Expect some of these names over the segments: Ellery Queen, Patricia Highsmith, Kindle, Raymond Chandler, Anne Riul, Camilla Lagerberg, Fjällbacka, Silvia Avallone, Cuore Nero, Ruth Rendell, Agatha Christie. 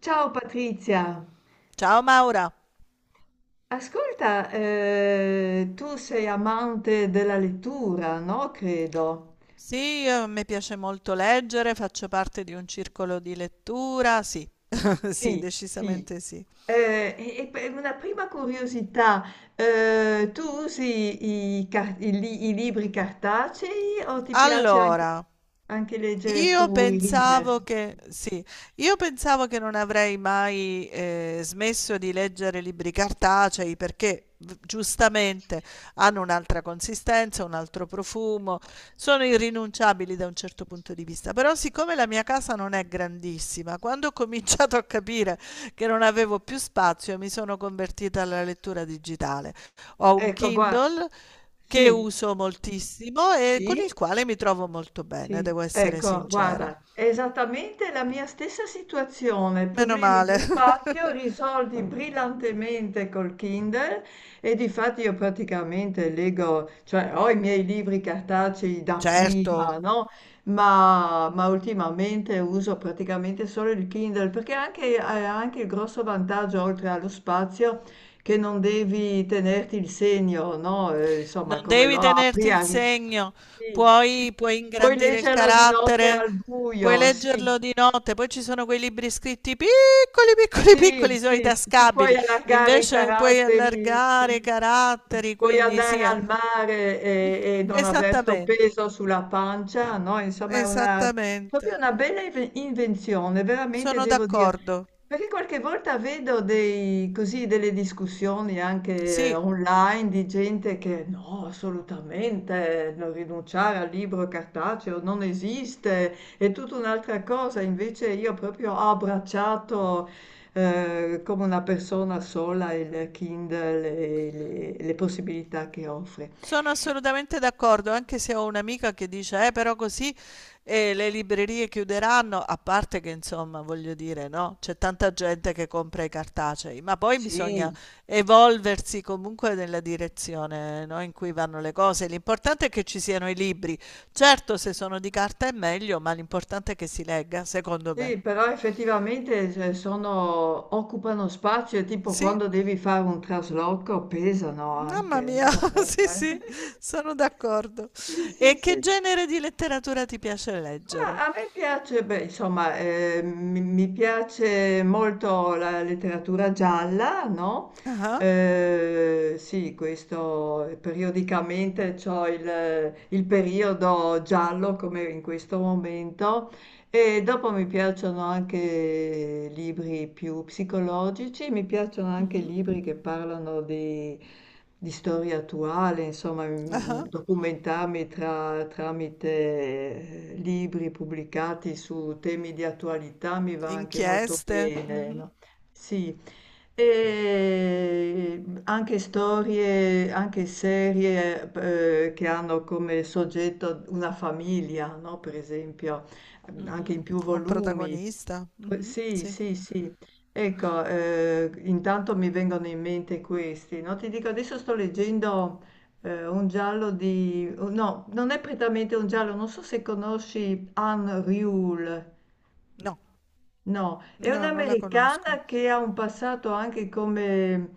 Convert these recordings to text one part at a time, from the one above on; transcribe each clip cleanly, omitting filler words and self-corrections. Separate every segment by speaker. Speaker 1: Ciao Patrizia,
Speaker 2: Ciao Maura.
Speaker 1: ascolta, tu sei amante della lettura, no? Credo.
Speaker 2: Sì, a me piace molto leggere, faccio parte di un circolo di lettura, sì, sì,
Speaker 1: Sì, sì.
Speaker 2: decisamente sì.
Speaker 1: E per una prima curiosità, tu usi i libri cartacei o ti piace anche,
Speaker 2: Allora,
Speaker 1: anche leggere
Speaker 2: io
Speaker 1: sui reader?
Speaker 2: pensavo che, sì, io pensavo che non avrei mai smesso di leggere libri cartacei perché giustamente hanno un'altra consistenza, un altro profumo, sono irrinunciabili da un certo punto di vista. Però siccome la mia casa non è grandissima, quando ho cominciato a capire che non avevo più spazio, mi sono convertita alla lettura digitale. Ho un
Speaker 1: Ecco, guarda,
Speaker 2: Kindle che
Speaker 1: sì,
Speaker 2: uso moltissimo e con
Speaker 1: sì,
Speaker 2: il quale mi trovo molto bene,
Speaker 1: sì,
Speaker 2: devo essere
Speaker 1: ecco,
Speaker 2: sincera.
Speaker 1: guarda, è esattamente la mia stessa situazione,
Speaker 2: Meno
Speaker 1: problemi di
Speaker 2: male.
Speaker 1: spazio risolti brillantemente col Kindle. E difatti io praticamente leggo, cioè ho i miei libri cartacei da
Speaker 2: Certo,
Speaker 1: prima, no? Ma ultimamente uso praticamente solo il Kindle perché anche, ha anche il grosso vantaggio, oltre allo spazio, che non devi tenerti il segno, no? Insomma,
Speaker 2: non
Speaker 1: come lo
Speaker 2: devi tenerti
Speaker 1: apri,
Speaker 2: il segno,
Speaker 1: sì, sì,
Speaker 2: puoi
Speaker 1: puoi
Speaker 2: ingrandire il
Speaker 1: leggerlo di notte
Speaker 2: carattere,
Speaker 1: al
Speaker 2: puoi
Speaker 1: buio, sì.
Speaker 2: leggerlo di notte, poi ci sono quei libri scritti piccoli, piccoli,
Speaker 1: Sì,
Speaker 2: piccoli, sono i
Speaker 1: sì, ti puoi
Speaker 2: tascabili,
Speaker 1: allargare i
Speaker 2: invece puoi
Speaker 1: caratteri,
Speaker 2: allargare i
Speaker 1: sì.
Speaker 2: caratteri,
Speaker 1: Puoi
Speaker 2: quindi
Speaker 1: andare
Speaker 2: sì, eh.
Speaker 1: al mare e non aver sto
Speaker 2: Esattamente,
Speaker 1: peso sulla pancia, no? Insomma, è una, proprio
Speaker 2: esattamente,
Speaker 1: una bella invenzione, veramente
Speaker 2: sono
Speaker 1: devo dire.
Speaker 2: d'accordo.
Speaker 1: Perché qualche volta vedo dei, così, delle discussioni anche
Speaker 2: Sì,
Speaker 1: online di gente che no, assolutamente, non rinunciare al libro cartaceo non esiste, è tutta un'altra cosa. Invece io proprio ho abbracciato, come una persona sola, il Kindle e le possibilità che offre.
Speaker 2: sono assolutamente d'accordo, anche se ho un'amica che dice, però così le librerie chiuderanno, a parte che insomma, voglio dire, no, c'è tanta gente che compra i cartacei, ma poi bisogna
Speaker 1: Sì.
Speaker 2: evolversi comunque nella direzione, no, in cui vanno le cose. L'importante è che ci siano i libri. Certo, se sono di carta è meglio, ma l'importante è che si legga, secondo me.
Speaker 1: Sì, però effettivamente se sono occupano spazio e tipo
Speaker 2: Sì.
Speaker 1: quando devi fare un trasloco pesano
Speaker 2: Mamma
Speaker 1: anche,
Speaker 2: mia,
Speaker 1: no,
Speaker 2: sì, sì, sono d'accordo.
Speaker 1: Sì, sì,
Speaker 2: E che
Speaker 1: sì.
Speaker 2: genere di letteratura ti piace leggere?
Speaker 1: Ma a me piace, beh, insomma, mi piace molto la letteratura gialla, no?
Speaker 2: Ah,
Speaker 1: Sì, questo periodicamente c'ho il periodo giallo come in questo momento e dopo mi piacciono anche libri più psicologici, mi piacciono anche
Speaker 2: mhm,
Speaker 1: libri che parlano di storia attuale, insomma,
Speaker 2: ah,
Speaker 1: documentarmi tramite libri pubblicati su temi di attualità mi va anche molto
Speaker 2: inchieste,
Speaker 1: bene,
Speaker 2: mhm,
Speaker 1: no? Sì. E anche storie, anche serie che hanno come soggetto una famiglia, no? Per esempio anche
Speaker 2: mhm.
Speaker 1: in più
Speaker 2: Un
Speaker 1: volumi.
Speaker 2: protagonista,
Speaker 1: Poi,
Speaker 2: mhm,
Speaker 1: sì,
Speaker 2: sì.
Speaker 1: sì, sì. Ecco, intanto mi vengono in mente questi, no? Ti dico, adesso sto leggendo un giallo di... oh, no, non è prettamente un giallo, non so se conosci Anne Riul.
Speaker 2: No,
Speaker 1: No, è
Speaker 2: no, non la conosco.
Speaker 1: un'americana che ha un passato anche come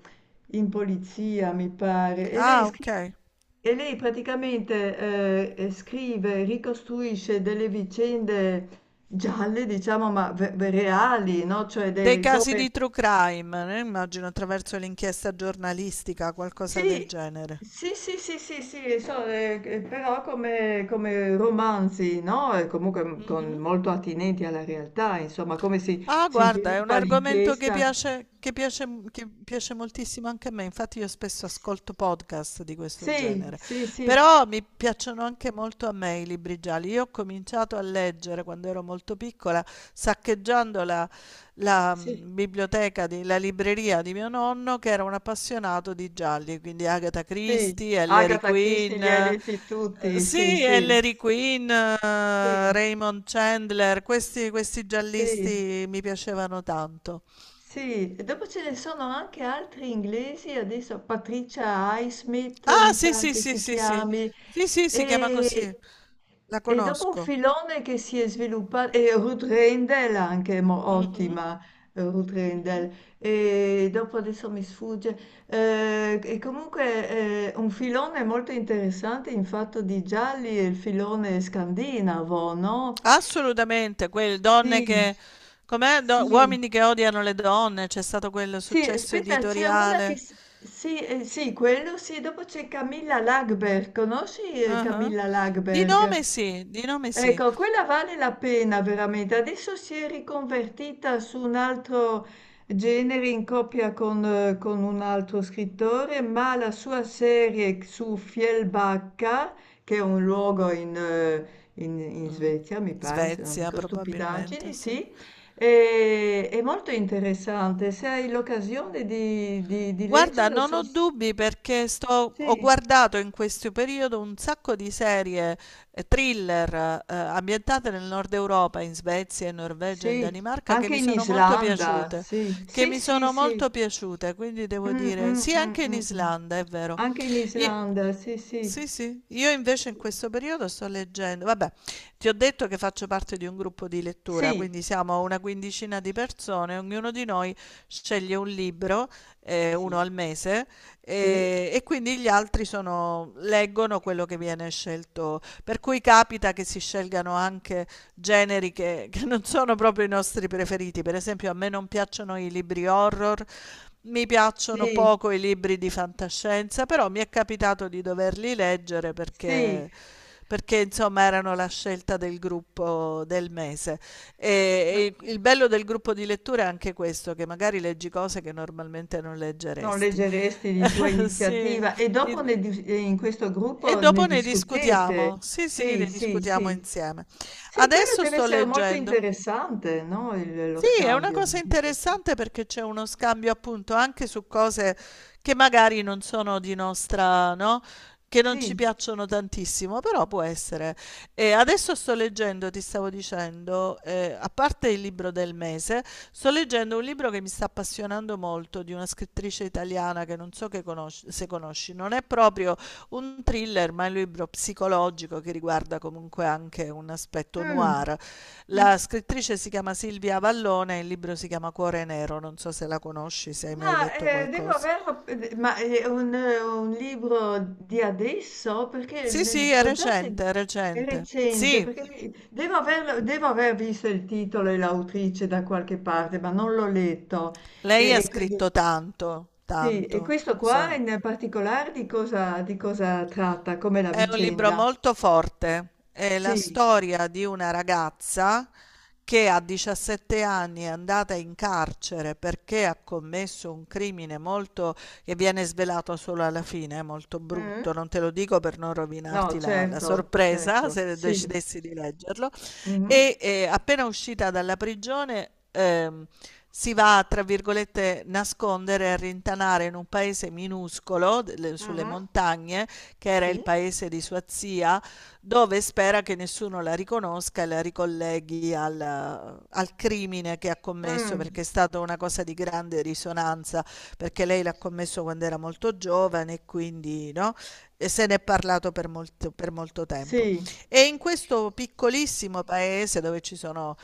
Speaker 1: in polizia, mi pare, e lei
Speaker 2: Ah,
Speaker 1: scrive,
Speaker 2: ok.
Speaker 1: e lei praticamente scrive, ricostruisce delle vicende gialle, diciamo, ma reali, no? Cioè,
Speaker 2: Dei
Speaker 1: dei,
Speaker 2: casi
Speaker 1: come...
Speaker 2: di true crime, immagino attraverso l'inchiesta giornalistica, qualcosa del
Speaker 1: Sì,
Speaker 2: genere.
Speaker 1: sì, sì, sì, sì, sì, so, però come, come romanzi, no? E comunque
Speaker 2: Mhm.
Speaker 1: molto attinenti alla realtà, insomma, come si
Speaker 2: Ah,
Speaker 1: si
Speaker 2: guarda, è un
Speaker 1: sviluppa
Speaker 2: argomento che
Speaker 1: l'inchiesta.
Speaker 2: piace, che piace moltissimo anche a me, infatti io spesso ascolto podcast di questo
Speaker 1: Sì,
Speaker 2: genere,
Speaker 1: sì, sì,
Speaker 2: però mi piacciono anche molto a me i libri gialli. Io ho cominciato a leggere quando ero molto piccola, saccheggiando la, la
Speaker 1: sì,
Speaker 2: mm, biblioteca, di, la libreria di mio nonno che era un appassionato di gialli, quindi Agatha
Speaker 1: sì.
Speaker 2: Christie, Ellery
Speaker 1: Agatha Christie
Speaker 2: Queen,
Speaker 1: li hai letti tutti, sì,
Speaker 2: sì,
Speaker 1: sì,
Speaker 2: Ellery Queen,
Speaker 1: sì,
Speaker 2: Raymond Chandler, questi
Speaker 1: sì.
Speaker 2: giallisti mi piacevano tanto.
Speaker 1: Sì, e dopo ce ne sono anche altri inglesi, adesso Patricia Highsmith
Speaker 2: Ah,
Speaker 1: mi
Speaker 2: sì,
Speaker 1: pare
Speaker 2: sì,
Speaker 1: che
Speaker 2: sì,
Speaker 1: si
Speaker 2: sì, sì,
Speaker 1: chiami,
Speaker 2: sì, sì, si chiama così,
Speaker 1: e,
Speaker 2: la
Speaker 1: e dopo un
Speaker 2: conosco.
Speaker 1: filone che si è sviluppato, e Ruth Rendell anche,
Speaker 2: Mhm.
Speaker 1: ottima. Ruth
Speaker 2: Mhm.
Speaker 1: Rendell, e dopo adesso mi sfugge, e comunque un filone molto interessante in fatto di gialli è il filone scandinavo, no?
Speaker 2: Assolutamente, quelle donne
Speaker 1: Sì,
Speaker 2: che, com'è?
Speaker 1: sì.
Speaker 2: Uomini che odiano le donne, c'è stato quel
Speaker 1: Sì,
Speaker 2: successo
Speaker 1: aspetta, c'è una che...
Speaker 2: editoriale.
Speaker 1: Sì, sì, quello sì, dopo c'è Camilla Lagerberg, conosci
Speaker 2: Ah,
Speaker 1: Camilla
Speaker 2: di
Speaker 1: Lagerberg?
Speaker 2: nome sì, di nome sì.
Speaker 1: Ecco, quella vale la pena veramente. Adesso si è riconvertita su un altro genere in coppia con un altro scrittore, ma la sua serie su Fjällbacka, che è un luogo in, in
Speaker 2: Mm.
Speaker 1: Svezia, mi pare, se non
Speaker 2: Svezia
Speaker 1: dico
Speaker 2: probabilmente,
Speaker 1: stupidaggini,
Speaker 2: sì.
Speaker 1: sì, è molto interessante. Se hai l'occasione di
Speaker 2: Guarda,
Speaker 1: leggerlo,
Speaker 2: non ho dubbi perché ho
Speaker 1: sì,
Speaker 2: guardato in questo periodo un sacco di serie thriller ambientate nel nord Europa, in Svezia, in Norvegia, in
Speaker 1: sì,
Speaker 2: Danimarca, che
Speaker 1: anche
Speaker 2: mi
Speaker 1: in
Speaker 2: sono molto
Speaker 1: Islanda,
Speaker 2: piaciute,
Speaker 1: sì,
Speaker 2: che
Speaker 1: sì,
Speaker 2: mi
Speaker 1: sì,
Speaker 2: sono
Speaker 1: sì.
Speaker 2: molto piaciute, quindi devo
Speaker 1: Mh,
Speaker 2: dire,
Speaker 1: mh,
Speaker 2: sì,
Speaker 1: mh,
Speaker 2: anche in
Speaker 1: mh, mh.
Speaker 2: Islanda, è vero.
Speaker 1: Anche in
Speaker 2: Io-
Speaker 1: Islanda, sì, sì.
Speaker 2: sì, sì, io invece
Speaker 1: Sì,
Speaker 2: in questo periodo sto leggendo, vabbè, ti ho detto che faccio parte di un gruppo di lettura, quindi siamo una quindicina di persone, ognuno di noi sceglie un libro uno
Speaker 1: sì,
Speaker 2: al mese,
Speaker 1: sì,
Speaker 2: e quindi gli altri leggono quello che viene scelto. Per cui capita che si scelgano anche generi che non sono proprio i nostri preferiti. Per esempio, a me non piacciono i libri horror. Mi
Speaker 1: sì,
Speaker 2: piacciono
Speaker 1: sì,
Speaker 2: poco i libri di fantascienza, però mi è capitato di doverli leggere
Speaker 1: sì,
Speaker 2: perché insomma erano la scelta del gruppo del mese.
Speaker 1: ma
Speaker 2: E il bello del gruppo di lettura è anche questo, che magari leggi cose che normalmente non
Speaker 1: non
Speaker 2: leggeresti.
Speaker 1: leggeresti di tua
Speaker 2: Sì,
Speaker 1: iniziativa e
Speaker 2: il
Speaker 1: dopo ne dis in questo
Speaker 2: e
Speaker 1: gruppo ne
Speaker 2: dopo ne
Speaker 1: discutete.
Speaker 2: discutiamo. Sì, sì,
Speaker 1: Sì,
Speaker 2: ne
Speaker 1: sì,
Speaker 2: discutiamo
Speaker 1: sì.
Speaker 2: insieme.
Speaker 1: Sì, quello
Speaker 2: Adesso
Speaker 1: deve
Speaker 2: sto
Speaker 1: essere molto
Speaker 2: leggendo
Speaker 1: interessante, no, il lo
Speaker 2: sì, è una
Speaker 1: scambio
Speaker 2: cosa
Speaker 1: di
Speaker 2: interessante perché c'è uno scambio appunto anche su cose che magari non sono di nostra, no? Che non
Speaker 1: sì,
Speaker 2: ci piacciono tantissimo, però può essere. E adesso sto leggendo, ti stavo dicendo, a parte il libro del mese, sto leggendo un libro che mi sta appassionando molto di una scrittrice italiana che non so che se conosci, non è proprio un thriller, ma è un libro psicologico che riguarda comunque anche un aspetto
Speaker 1: mh,
Speaker 2: noir.
Speaker 1: mh.
Speaker 2: La scrittrice si chiama Silvia Avallone, il libro si chiama Cuore Nero, non so se la conosci, se hai mai
Speaker 1: Ma
Speaker 2: letto
Speaker 1: devo
Speaker 2: qualcosa.
Speaker 1: averlo, ma è un libro di adesso? Perché
Speaker 2: Sì, sì, è
Speaker 1: l'ho già
Speaker 2: recente,
Speaker 1: sentito,
Speaker 2: è
Speaker 1: è
Speaker 2: recente.
Speaker 1: recente,
Speaker 2: Sì,
Speaker 1: perché devo averlo, devo aver visto il titolo e l'autrice da qualche parte, ma non l'ho letto.
Speaker 2: lei ha
Speaker 1: E quindi,
Speaker 2: scritto tanto,
Speaker 1: sì, e
Speaker 2: tanto.
Speaker 1: questo qua
Speaker 2: So-
Speaker 1: in particolare di cosa tratta, come la
Speaker 2: È un libro
Speaker 1: vicenda?
Speaker 2: molto forte, è la
Speaker 1: Sì,
Speaker 2: storia di una ragazza che a 17 anni è andata in carcere perché ha commesso un crimine molto, che viene svelato solo alla fine, è molto
Speaker 1: mm?
Speaker 2: brutto, non te lo dico per non
Speaker 1: No,
Speaker 2: rovinarti la
Speaker 1: certo,
Speaker 2: sorpresa
Speaker 1: certo,
Speaker 2: se
Speaker 1: sì.
Speaker 2: decidessi di leggerlo,
Speaker 1: Mhm.
Speaker 2: e appena uscita dalla prigione si va, a, tra virgolette, nascondere e rintanare in un paese minuscolo, sulle
Speaker 1: Mhm.
Speaker 2: montagne, che era il
Speaker 1: Sì.
Speaker 2: paese di sua zia, dove spera che nessuno la riconosca e la ricolleghi al crimine che ha commesso,
Speaker 1: Mm.
Speaker 2: perché è stata una cosa di grande risonanza, perché lei l'ha commesso quando era molto giovane e quindi no? E se ne è parlato per molto tempo.
Speaker 1: Sì.
Speaker 2: E in questo piccolissimo paese dove ci sono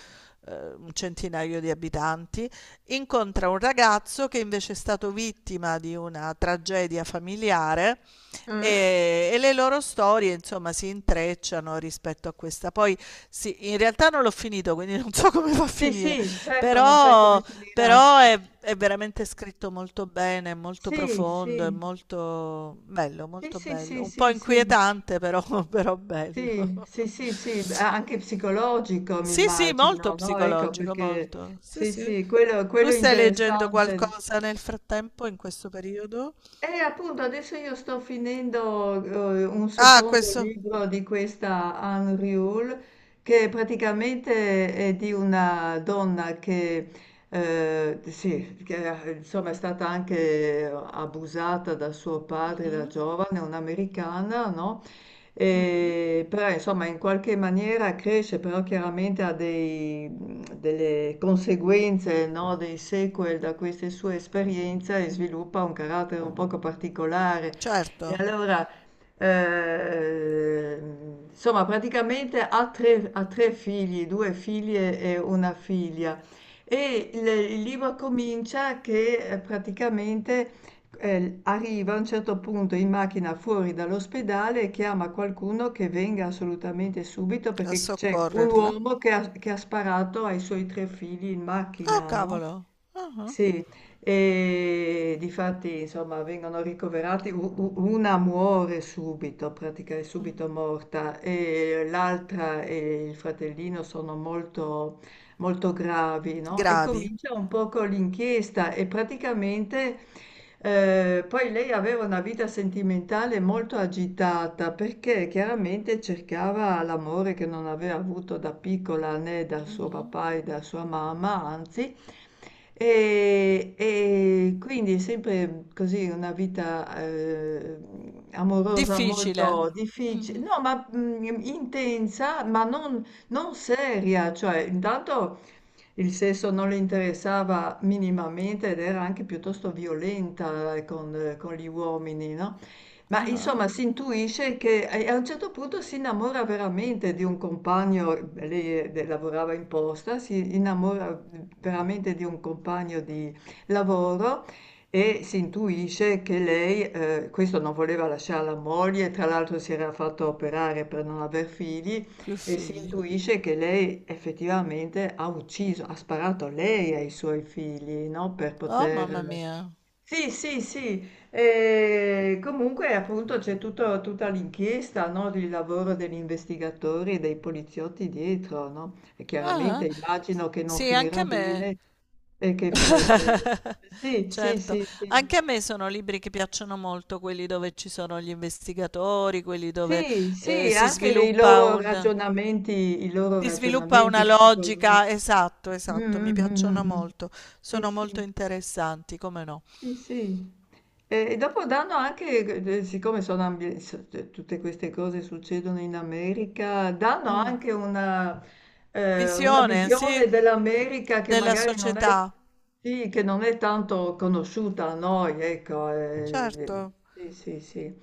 Speaker 2: un centinaio di abitanti, incontra un ragazzo che invece è stato vittima di una tragedia familiare
Speaker 1: Mh?
Speaker 2: e le loro storie, insomma, si intrecciano rispetto a questa. Poi, sì, in realtà non l'ho finito, quindi non so come va a
Speaker 1: Sì,
Speaker 2: finire,
Speaker 1: sì, certo, non sai come
Speaker 2: però,
Speaker 1: finirà.
Speaker 2: però è veramente scritto molto bene, è molto
Speaker 1: Sì,
Speaker 2: profondo, è
Speaker 1: sì,
Speaker 2: molto bello,
Speaker 1: sì,
Speaker 2: molto
Speaker 1: sì, sì,
Speaker 2: bello. Un po'
Speaker 1: sì, sì,
Speaker 2: inquietante, però, però bello.
Speaker 1: sì, sì, sì, sì, beh, anche psicologico mi
Speaker 2: Sì, sì, molto
Speaker 1: immagino, no? Ecco
Speaker 2: psicologico,
Speaker 1: perché
Speaker 2: molto. Sì,
Speaker 1: sì,
Speaker 2: sì.
Speaker 1: sì, quello,
Speaker 2: Tu
Speaker 1: quello è
Speaker 2: stai leggendo
Speaker 1: interessante.
Speaker 2: qualcosa nel frattempo, in questo periodo?
Speaker 1: E appunto adesso io sto finendo un
Speaker 2: Ah,
Speaker 1: secondo
Speaker 2: questo.
Speaker 1: libro di questa Anne Riul che praticamente è di una donna che, sì, che insomma è stata anche abusata da suo padre da
Speaker 2: Mhm,
Speaker 1: giovane, un'americana, no?
Speaker 2: mhm.
Speaker 1: E però insomma in qualche maniera cresce, però chiaramente ha dei, delle conseguenze, no, dei sequel da queste sue esperienze e sviluppa un carattere un poco particolare. E
Speaker 2: Certo,
Speaker 1: allora, insomma, praticamente ha tre figli, due figlie e una figlia. E il libro comincia che praticamente arriva a un certo punto in macchina fuori dall'ospedale e chiama qualcuno che venga assolutamente subito
Speaker 2: a
Speaker 1: perché c'è un
Speaker 2: soccorrerla.
Speaker 1: uomo che ha sparato ai suoi tre figli in
Speaker 2: Oh,
Speaker 1: macchina, no?
Speaker 2: cavolo. Ah, ah.
Speaker 1: Sì, e difatti, insomma, vengono ricoverati, una muore subito, pratica è subito morta, e l'altra e il fratellino sono molto molto gravi, no, e
Speaker 2: Gravi.
Speaker 1: comincia un po' con l'inchiesta e praticamente, poi lei aveva una vita sentimentale molto agitata, perché chiaramente cercava l'amore che non aveva avuto da piccola né dal suo
Speaker 2: Mhm.
Speaker 1: papà e da sua mamma, anzi, e quindi sempre così una vita, amorosa
Speaker 2: Difficile.
Speaker 1: molto diffici
Speaker 2: Mhm.
Speaker 1: no, ma, intensa, ma non non seria, cioè intanto il sesso non le interessava minimamente ed era anche piuttosto violenta con gli uomini, no?
Speaker 2: Ah,
Speaker 1: Ma
Speaker 2: ah.
Speaker 1: insomma si intuisce che e a un certo punto si innamora veramente di un compagno, lei, de lavorava in posta, si innamora, veramente di un compagno di lavoro e si intuisce che lei questo non voleva lasciar la moglie, tra l'altro si era fatto operare per non aver figli
Speaker 2: Più
Speaker 1: e si
Speaker 2: figli.
Speaker 1: intuisce che lei effettivamente ha ucciso, ha sparato lei ai suoi figli, no, per
Speaker 2: Oh,
Speaker 1: poter
Speaker 2: mamma mia.
Speaker 1: sì, sì, sì, e comunque appunto c'è tutta l'inchiesta, no, il lavoro degli investigatori e dei poliziotti dietro, no? E chiaramente
Speaker 2: Ah, ah.
Speaker 1: immagino che non
Speaker 2: Sì, anche
Speaker 1: finirà
Speaker 2: a me.
Speaker 1: bene e che, e che, sì, sì,
Speaker 2: Certo,
Speaker 1: sì, sì,
Speaker 2: anche a me sono libri che piacciono molto, quelli dove ci sono gli investigatori, quelli dove
Speaker 1: sì,
Speaker 2: eh,
Speaker 1: sì,
Speaker 2: si
Speaker 1: anche le,
Speaker 2: sviluppa un,
Speaker 1: i loro
Speaker 2: si sviluppa una
Speaker 1: ragionamenti psicologici.
Speaker 2: logica. Esatto, esatto,
Speaker 1: Mm,
Speaker 2: mi
Speaker 1: mm, mm,
Speaker 2: piacciono
Speaker 1: mm, mm.
Speaker 2: molto.
Speaker 1: Sì,
Speaker 2: Sono molto
Speaker 1: sì.
Speaker 2: interessanti, come no.
Speaker 1: Sì, sì. E dopo danno anche, siccome sono tutte queste cose succedono in America, danno
Speaker 2: Mh.
Speaker 1: anche una
Speaker 2: Visione, sì,
Speaker 1: visione dell'America che
Speaker 2: della
Speaker 1: magari non è,
Speaker 2: società.
Speaker 1: sì, che non è tanto conosciuta a noi, ecco.
Speaker 2: Certo,
Speaker 1: Sì, sì, sì.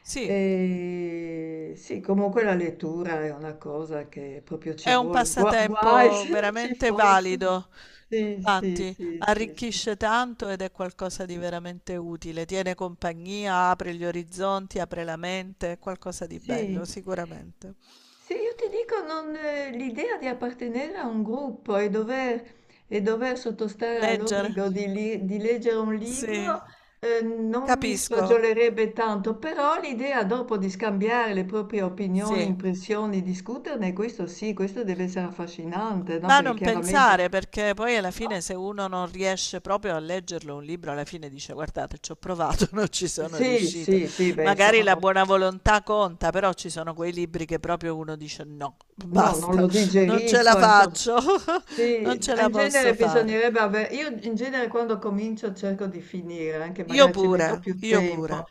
Speaker 2: sì,
Speaker 1: E sì, comunque la lettura è una cosa che proprio ci
Speaker 2: è un
Speaker 1: vuole. Guai
Speaker 2: passatempo
Speaker 1: se non ci
Speaker 2: veramente
Speaker 1: fosse.
Speaker 2: valido.
Speaker 1: Sì, sì,
Speaker 2: Infatti,
Speaker 1: sì, sì, sì.
Speaker 2: arricchisce tanto ed è qualcosa di veramente utile. Tiene compagnia, apre gli orizzonti, apre la mente, è qualcosa di bello,
Speaker 1: Sì,
Speaker 2: sicuramente.
Speaker 1: sì, io ti dico, non, l'idea di appartenere a un gruppo e dover sottostare
Speaker 2: Leggere?
Speaker 1: all'obbligo di, di leggere un libro,
Speaker 2: Sì.
Speaker 1: non mi
Speaker 2: Capisco.
Speaker 1: sfagiolerebbe tanto, però l'idea dopo di scambiare le proprie opinioni,
Speaker 2: Sì.
Speaker 1: impressioni, discuterne, questo sì, questo deve essere affascinante, no?
Speaker 2: Ma
Speaker 1: Perché
Speaker 2: non pensare,
Speaker 1: chiaramente...
Speaker 2: perché poi alla
Speaker 1: No?
Speaker 2: fine se uno non riesce proprio a leggerlo un libro, alla fine dice guardate, ci ho provato, non ci sono
Speaker 1: Sì,
Speaker 2: riuscito.
Speaker 1: sì, sì, beh,
Speaker 2: Magari
Speaker 1: insomma,
Speaker 2: la buona volontà conta, però ci sono quei libri che proprio uno dice no,
Speaker 1: no, non lo
Speaker 2: basta, non ce la
Speaker 1: digerisco, insomma.
Speaker 2: faccio,
Speaker 1: Sì,
Speaker 2: non ce la
Speaker 1: in genere
Speaker 2: posso fare.
Speaker 1: bisognerebbe avere... Io in genere quando comincio cerco di finire, anche
Speaker 2: Io
Speaker 1: magari ci
Speaker 2: pure,
Speaker 1: metto più
Speaker 2: io pure.
Speaker 1: tempo.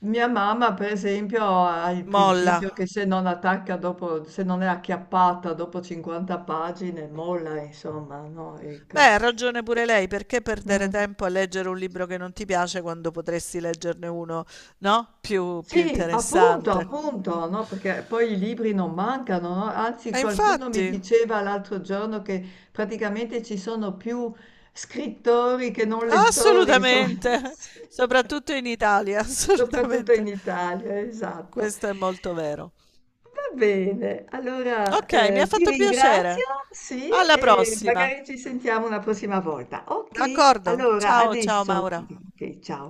Speaker 1: Mia mamma, per esempio, ha il principio
Speaker 2: Molla.
Speaker 1: che se non attacca dopo, se non è acchiappata dopo 50 pagine, molla, insomma, no?
Speaker 2: Beh,
Speaker 1: Ecco.
Speaker 2: ha ragione pure lei, perché perdere
Speaker 1: Mm.
Speaker 2: tempo a leggere un libro che non ti piace quando potresti leggerne uno, no? Più
Speaker 1: Sì, appunto,
Speaker 2: interessante.
Speaker 1: appunto, no? Perché poi i libri non mancano, no? Anzi,
Speaker 2: E
Speaker 1: qualcuno mi
Speaker 2: infatti,
Speaker 1: diceva l'altro giorno che praticamente ci sono più scrittori che non lettori, insomma,
Speaker 2: assolutamente,
Speaker 1: sì,
Speaker 2: soprattutto in Italia,
Speaker 1: soprattutto in
Speaker 2: assolutamente.
Speaker 1: Italia, esatto.
Speaker 2: Questo è molto vero.
Speaker 1: Va bene, allora
Speaker 2: Ok, mi ha
Speaker 1: ti
Speaker 2: fatto
Speaker 1: ringrazio,
Speaker 2: piacere.
Speaker 1: sì,
Speaker 2: Alla
Speaker 1: e
Speaker 2: prossima.
Speaker 1: magari ci sentiamo una prossima volta. Ok,
Speaker 2: D'accordo.
Speaker 1: allora
Speaker 2: Ciao, ciao
Speaker 1: adesso,
Speaker 2: Maura.
Speaker 1: ok, ciao.